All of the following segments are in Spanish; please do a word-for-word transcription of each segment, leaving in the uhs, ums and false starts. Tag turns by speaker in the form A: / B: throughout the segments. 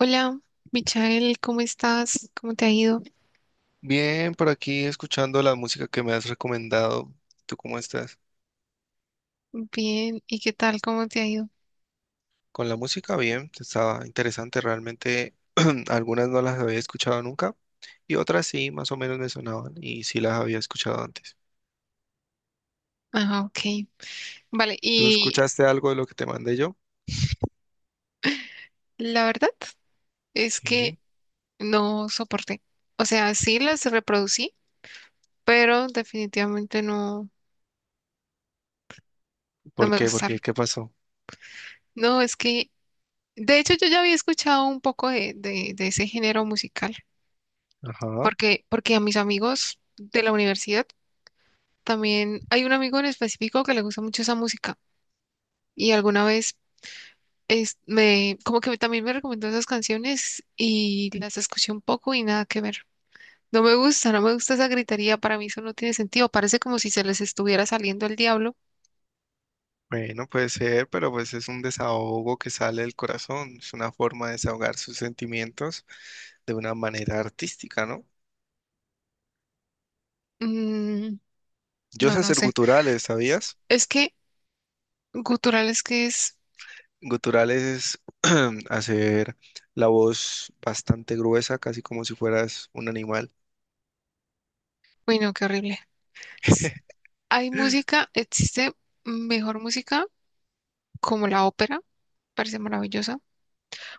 A: Hola, Michael, ¿cómo estás? ¿Cómo te ha ido?
B: Bien, por aquí escuchando la música que me has recomendado. ¿Tú cómo estás?
A: Bien, ¿y qué tal? ¿Cómo te ha ido?
B: Con la música, bien, estaba interesante. Realmente algunas no las había escuchado nunca y otras sí, más o menos me sonaban y sí las había escuchado antes.
A: Ajá, ok. Vale,
B: ¿Tú
A: y
B: escuchaste algo de lo que te mandé yo?
A: la verdad es que
B: Sí.
A: no soporté. O sea, sí las reproducí, pero definitivamente no, no
B: ¿Por
A: me
B: qué? ¿Por
A: gustaron.
B: qué? ¿Qué pasó?
A: No, es que, de hecho, yo ya había escuchado un poco de, de, de ese género musical,
B: Ajá.
A: porque, porque a mis amigos de la universidad también hay un amigo en específico que le gusta mucho esa música. Y alguna vez es, me, como que también me recomendó esas canciones y las escuché un poco y nada que ver. No me gusta, no me gusta esa gritería, para mí eso no tiene sentido, parece como si se les estuviera saliendo el diablo.
B: Bueno, puede ser, pero pues es un desahogo que sale del corazón. Es una forma de desahogar sus sentimientos de una manera artística, ¿no?
A: Mm,
B: Yo
A: no,
B: sé
A: no
B: hacer
A: sé.
B: guturales, ¿sabías?
A: Es que gutural es que es,
B: Guturales es hacer la voz bastante gruesa, casi como si fueras un animal.
A: uy no qué horrible. S- Hay música, existe mejor música como la ópera, parece maravillosa,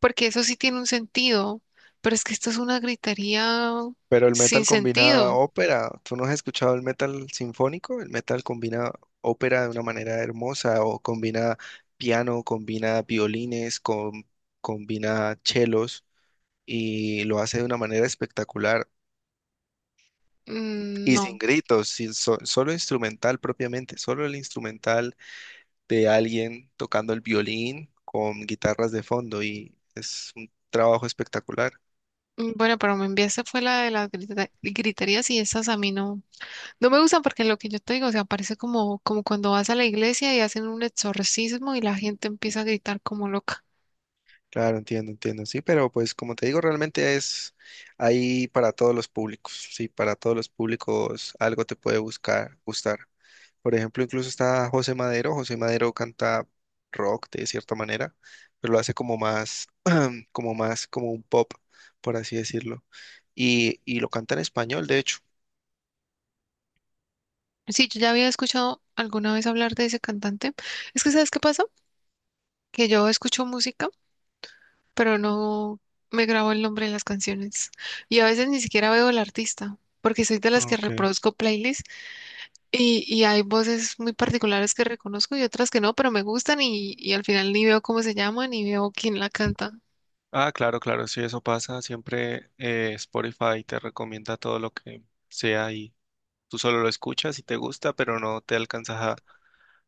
A: porque eso sí tiene un sentido, pero es que esto es una gritería
B: Pero el
A: sin
B: metal combina
A: sentido.
B: ópera. ¿Tú no has escuchado el metal sinfónico? El metal combina ópera de una manera hermosa o combina piano, combina violines, com- combina chelos y lo hace de una manera espectacular
A: Mm,
B: y sin
A: no.
B: gritos, sin so- solo instrumental propiamente, solo el instrumental de alguien tocando el violín con guitarras de fondo y es un trabajo espectacular.
A: Mm, bueno, pero me enviaste fue la de las grita- griterías y esas a mí no, no me gustan porque lo que yo te digo, o sea, parece como, como cuando vas a la iglesia y hacen un exorcismo y la gente empieza a gritar como loca.
B: Claro, entiendo, entiendo, sí, pero pues como te digo, realmente es ahí para todos los públicos, sí, para todos los públicos algo te puede buscar, gustar. Por ejemplo, incluso está José Madero, José Madero canta rock de cierta manera, pero lo hace como más, como más, como un pop, por así decirlo, y, y lo canta en español, de hecho.
A: Sí, yo ya había escuchado alguna vez hablar de ese cantante. Es que ¿sabes qué pasa? Que yo escucho música, pero no me grabo el nombre de las canciones y a veces ni siquiera veo el artista porque soy de las que
B: Ok.
A: reproduzco playlists. Y, y hay voces muy particulares que reconozco y otras que no, pero me gustan y, y al final ni veo cómo se llaman ni veo quién la canta.
B: Ah, claro, claro, sí, eso pasa. Siempre eh, Spotify te recomienda todo lo que sea y tú solo lo escuchas y te gusta, pero no te alcanzas a,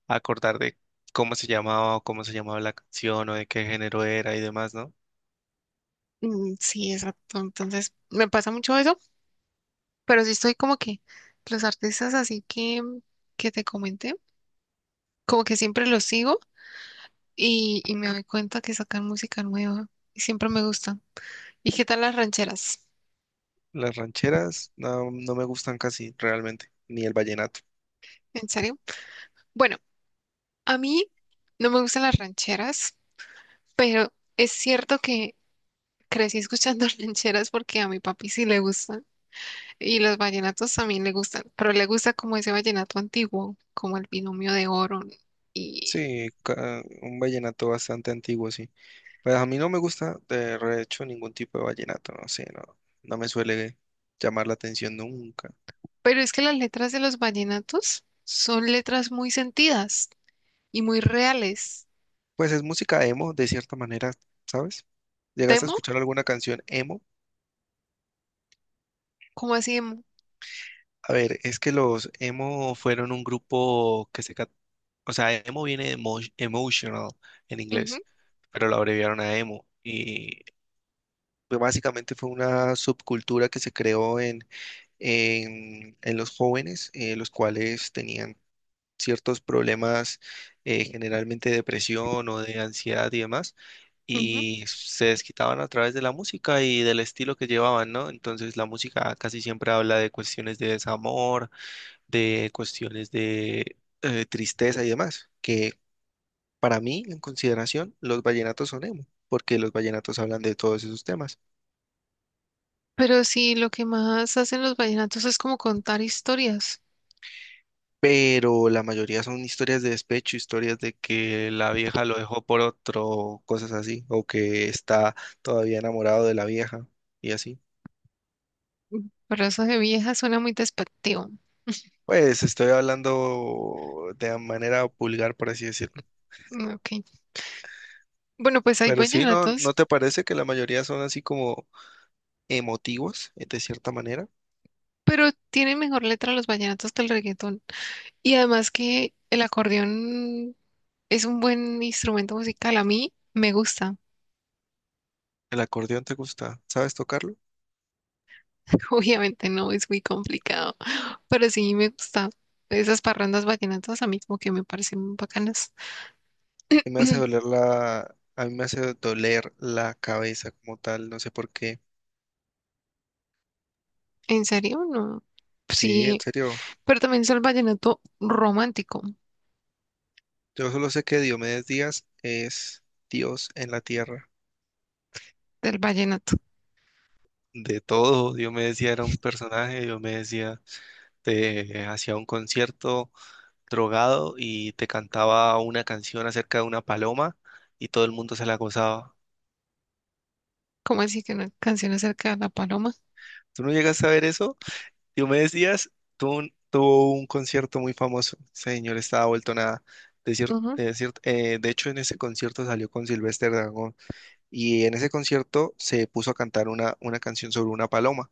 B: a acordar de cómo se llamaba o cómo se llamaba la canción o de qué género era y demás, ¿no?
A: Mm, sí, exacto. Entonces, me pasa mucho eso, pero sí estoy como que los artistas así que, que te comenté, como que siempre los sigo y, y me doy cuenta que sacan música nueva y siempre me gustan. ¿Y qué tal las rancheras?
B: Las rancheras no, no me gustan casi realmente, ni el vallenato.
A: ¿En serio? Bueno, a mí no me gustan las rancheras, pero es cierto que crecí escuchando rancheras porque a mi papi sí le gustan y los vallenatos también le gustan, pero le gusta como ese vallenato antiguo, como el Binomio de Oro, ¿no? Y...
B: Sí, ca- un vallenato bastante antiguo, sí. Pues a mí no me gusta de hecho ningún tipo de vallenato, no sé, no, no me suele llamar la atención nunca.
A: pero es que las letras de los vallenatos son letras muy sentidas y muy reales.
B: Pues es música emo, de cierta manera, ¿sabes? ¿Llegaste a
A: ¿Demo?
B: escuchar alguna canción emo?
A: Como así demo?
B: A ver, es que los emo fueron un grupo que se... cat- o sea, emo viene de emo- emotional en
A: Ujú,
B: inglés, pero lo abreviaron a emo. Y pues, básicamente fue una subcultura que se creó en, en, en los jóvenes, eh, los cuales tenían ciertos problemas, eh, generalmente depresión o de ansiedad y demás,
A: ujú.
B: y se desquitaban a través de la música y del estilo que llevaban, ¿no? Entonces la música casi siempre habla de cuestiones de desamor, de cuestiones de eh, tristeza y demás, que para mí, en consideración, los vallenatos son emo, porque los vallenatos hablan de todos esos temas.
A: Pero sí, lo que más hacen los vallenatos es como contar historias.
B: Pero la mayoría son historias de despecho, historias de que la vieja lo dejó por otro, cosas así, o que está todavía enamorado de la vieja y así.
A: Mm, pero eso de vieja suena muy despectivo.
B: Pues estoy hablando de manera pulgar, por así decirlo.
A: Mm, ok. Bueno, pues hay
B: Pero sí, ¿no,
A: vallenatos,
B: ¿no te parece que la mayoría son así como emotivos, eh, de cierta manera?
A: pero tienen mejor letra los vallenatos que el reggaetón. Y además que el acordeón es un buen instrumento musical. A mí me gusta.
B: ¿El acordeón te gusta? ¿Sabes tocarlo?
A: Obviamente no es muy complicado, pero sí me gusta. Esas parrandas vallenatas a mí como que me parecen bacanas.
B: Y me hace doler la, a mí me hace doler la cabeza como tal, no sé por qué.
A: ¿En serio? No.
B: Sí, en
A: Sí,
B: serio.
A: pero también es el vallenato romántico
B: Yo solo sé que Diomedes Díaz es Dios en la tierra.
A: del vallenato.
B: De todo, Diomedes Díaz era un personaje, Diomedes Díaz te hacía un concierto drogado y te cantaba una canción acerca de una paloma y todo el mundo se la gozaba.
A: ¿Cómo así que una canción acerca de la paloma?
B: ¿Tú no llegas a ver eso? Diomedes Díaz tuvo un, tuvo un concierto muy famoso. Ese señor estaba vuelto nada. De, cier-
A: Ujú,
B: de cier- eh, de hecho, en ese concierto salió con Silvestre Dangond. Y en ese concierto se puso a cantar una, una canción sobre una paloma.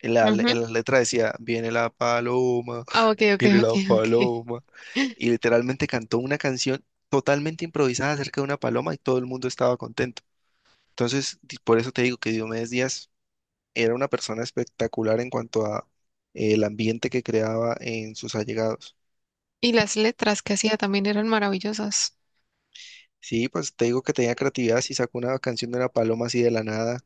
B: En la,
A: ujú.
B: en la letra decía, viene la paloma,
A: Ah, ok, ok,
B: viene
A: ok,
B: la
A: ok.
B: paloma, y literalmente cantó una canción totalmente improvisada acerca de una paloma y todo el mundo estaba contento. Entonces, di- por eso te digo que Diomedes Díaz era una persona espectacular en cuanto a eh, el ambiente que creaba en sus allegados.
A: Y las letras que hacía también eran maravillosas.
B: Sí, pues te digo que tenía creatividad, si sacó una canción de una paloma así de la nada.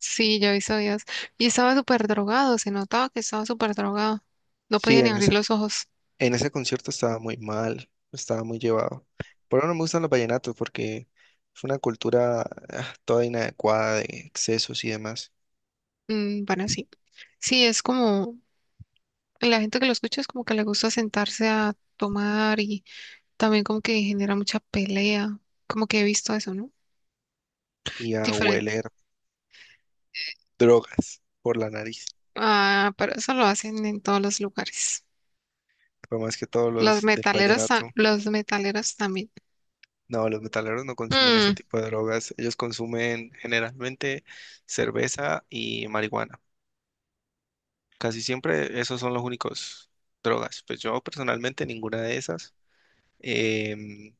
A: Sí, yo hizo días. Y estaba súper drogado, se notaba que estaba súper drogado. No
B: Sí,
A: podía ni
B: en
A: abrir
B: ese,
A: los ojos.
B: en ese concierto estaba muy mal, estaba muy llevado. Por eso no me gustan los vallenatos, porque es una cultura ah, toda inadecuada de excesos y demás,
A: Mm, bueno, sí. Sí, es como la gente que lo escucha es como que le gusta sentarse a tomar y también como que genera mucha pelea. Como que he visto eso, ¿no?
B: y a
A: Diferente.
B: hueler drogas por la nariz.
A: Ah, pero eso lo hacen en todos los lugares.
B: Por más que todos
A: Los
B: los del
A: metaleros, ta-
B: vallenato,
A: los metaleros también.
B: no, los metaleros no consumen ese
A: Mm,
B: tipo de drogas, ellos consumen generalmente cerveza y marihuana. Casi siempre esos son los únicos drogas. Pues yo personalmente ninguna de esas. Em,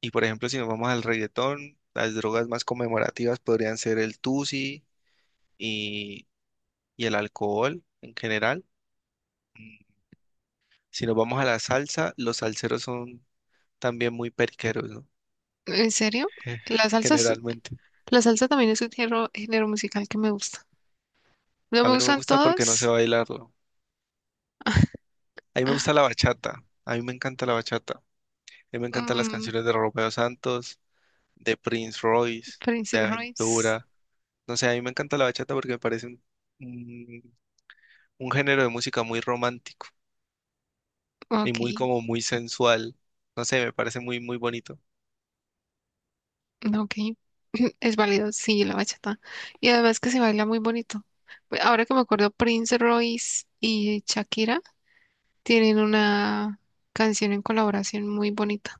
B: Y por ejemplo, si nos vamos al reggaetón, las drogas más conmemorativas podrían ser el tusi y, y el alcohol en general. Mm, si nos vamos a la salsa, los salseros son también muy periqueros, ¿no?
A: ¿en serio? La salsa, es-
B: Generalmente.
A: la salsa también es un género, género musical que me gusta. No
B: A
A: me
B: mí no me
A: gustan
B: gusta porque no sé
A: todos.
B: bailarlo. A mí me gusta la bachata. A mí me encanta la bachata. A mí me encantan las
A: Mm,
B: canciones de Romeo Santos, de Prince Royce,
A: Prince
B: de
A: Royce.
B: Aventura. No sé, a mí me encanta la bachata porque me parece un, un un género de música muy romántico. Y
A: Ok,
B: muy como muy sensual. No sé, me parece muy, muy bonito.
A: ok. Es válido, sí, la bachata. Y además que se baila muy bonito. Pues ahora que me acuerdo, Prince Royce y Shakira tienen una canción en colaboración muy bonita.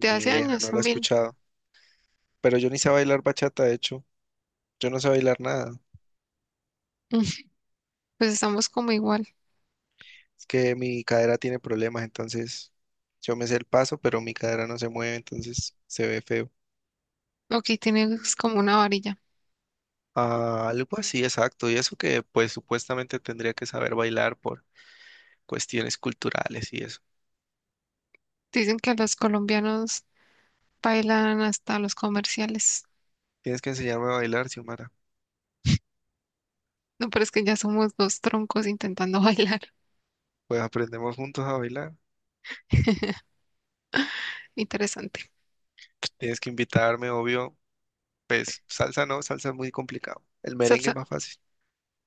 A: De
B: Ni
A: hace
B: idea,
A: años
B: no la he
A: también.
B: escuchado. Pero yo ni sé bailar bachata, de hecho. Yo no sé bailar nada.
A: Mm, pues estamos como igual.
B: Es que mi cadera tiene problemas, entonces yo me sé el paso, pero mi cadera no se mueve, entonces se ve feo.
A: Ok, tienes como una varilla.
B: Ah, algo así, exacto. Y eso que pues supuestamente tendría que saber bailar por cuestiones culturales y eso.
A: Dicen que los colombianos bailan hasta los comerciales.
B: Tienes que enseñarme a bailar, Xiomara.
A: No, pero es que ya somos dos troncos intentando bailar.
B: Pues aprendemos juntos a bailar.
A: Interesante.
B: Tienes que invitarme, obvio. Pues salsa no, salsa es muy complicado. El merengue es
A: Salsa,
B: más fácil.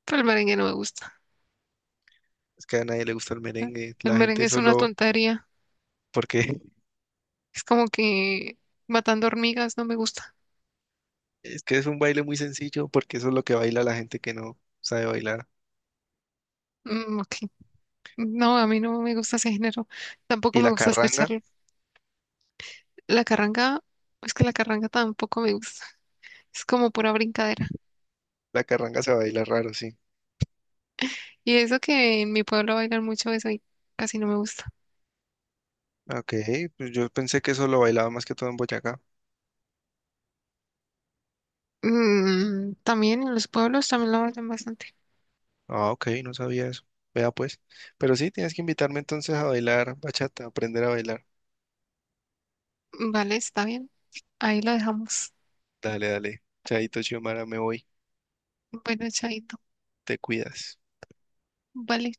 A: pero el merengue no me gusta.
B: Es que a nadie le gusta el merengue,
A: El
B: la
A: merengue
B: gente
A: es una
B: solo,
A: tontería.
B: porque
A: Es como que matando hormigas, no me gusta.
B: es que es un baile muy sencillo, porque eso es lo que baila la gente que no sabe bailar.
A: Mm, ok. No, a mí no me gusta ese género. Tampoco
B: Y
A: me
B: la
A: gusta escuchar
B: carranga,
A: la carranga. Es que la carranga tampoco me gusta. Es como pura brincadera.
B: la carranga se baila raro, sí.
A: Y eso que en mi pueblo bailan mucho eso y casi no me gusta.
B: Ok, pues yo pensé que eso lo bailaba más que todo en Boyacá.
A: Mm, también en los pueblos también lo bailan bastante.
B: Ah, ok, no sabía eso. Vea pues. Pero sí, tienes que invitarme entonces a bailar bachata, aprender a bailar.
A: Vale, está bien. Ahí lo dejamos.
B: Dale, dale. Chaito, Xiomara, me voy.
A: Bueno, chaito.
B: Te cuidas.
A: Vale.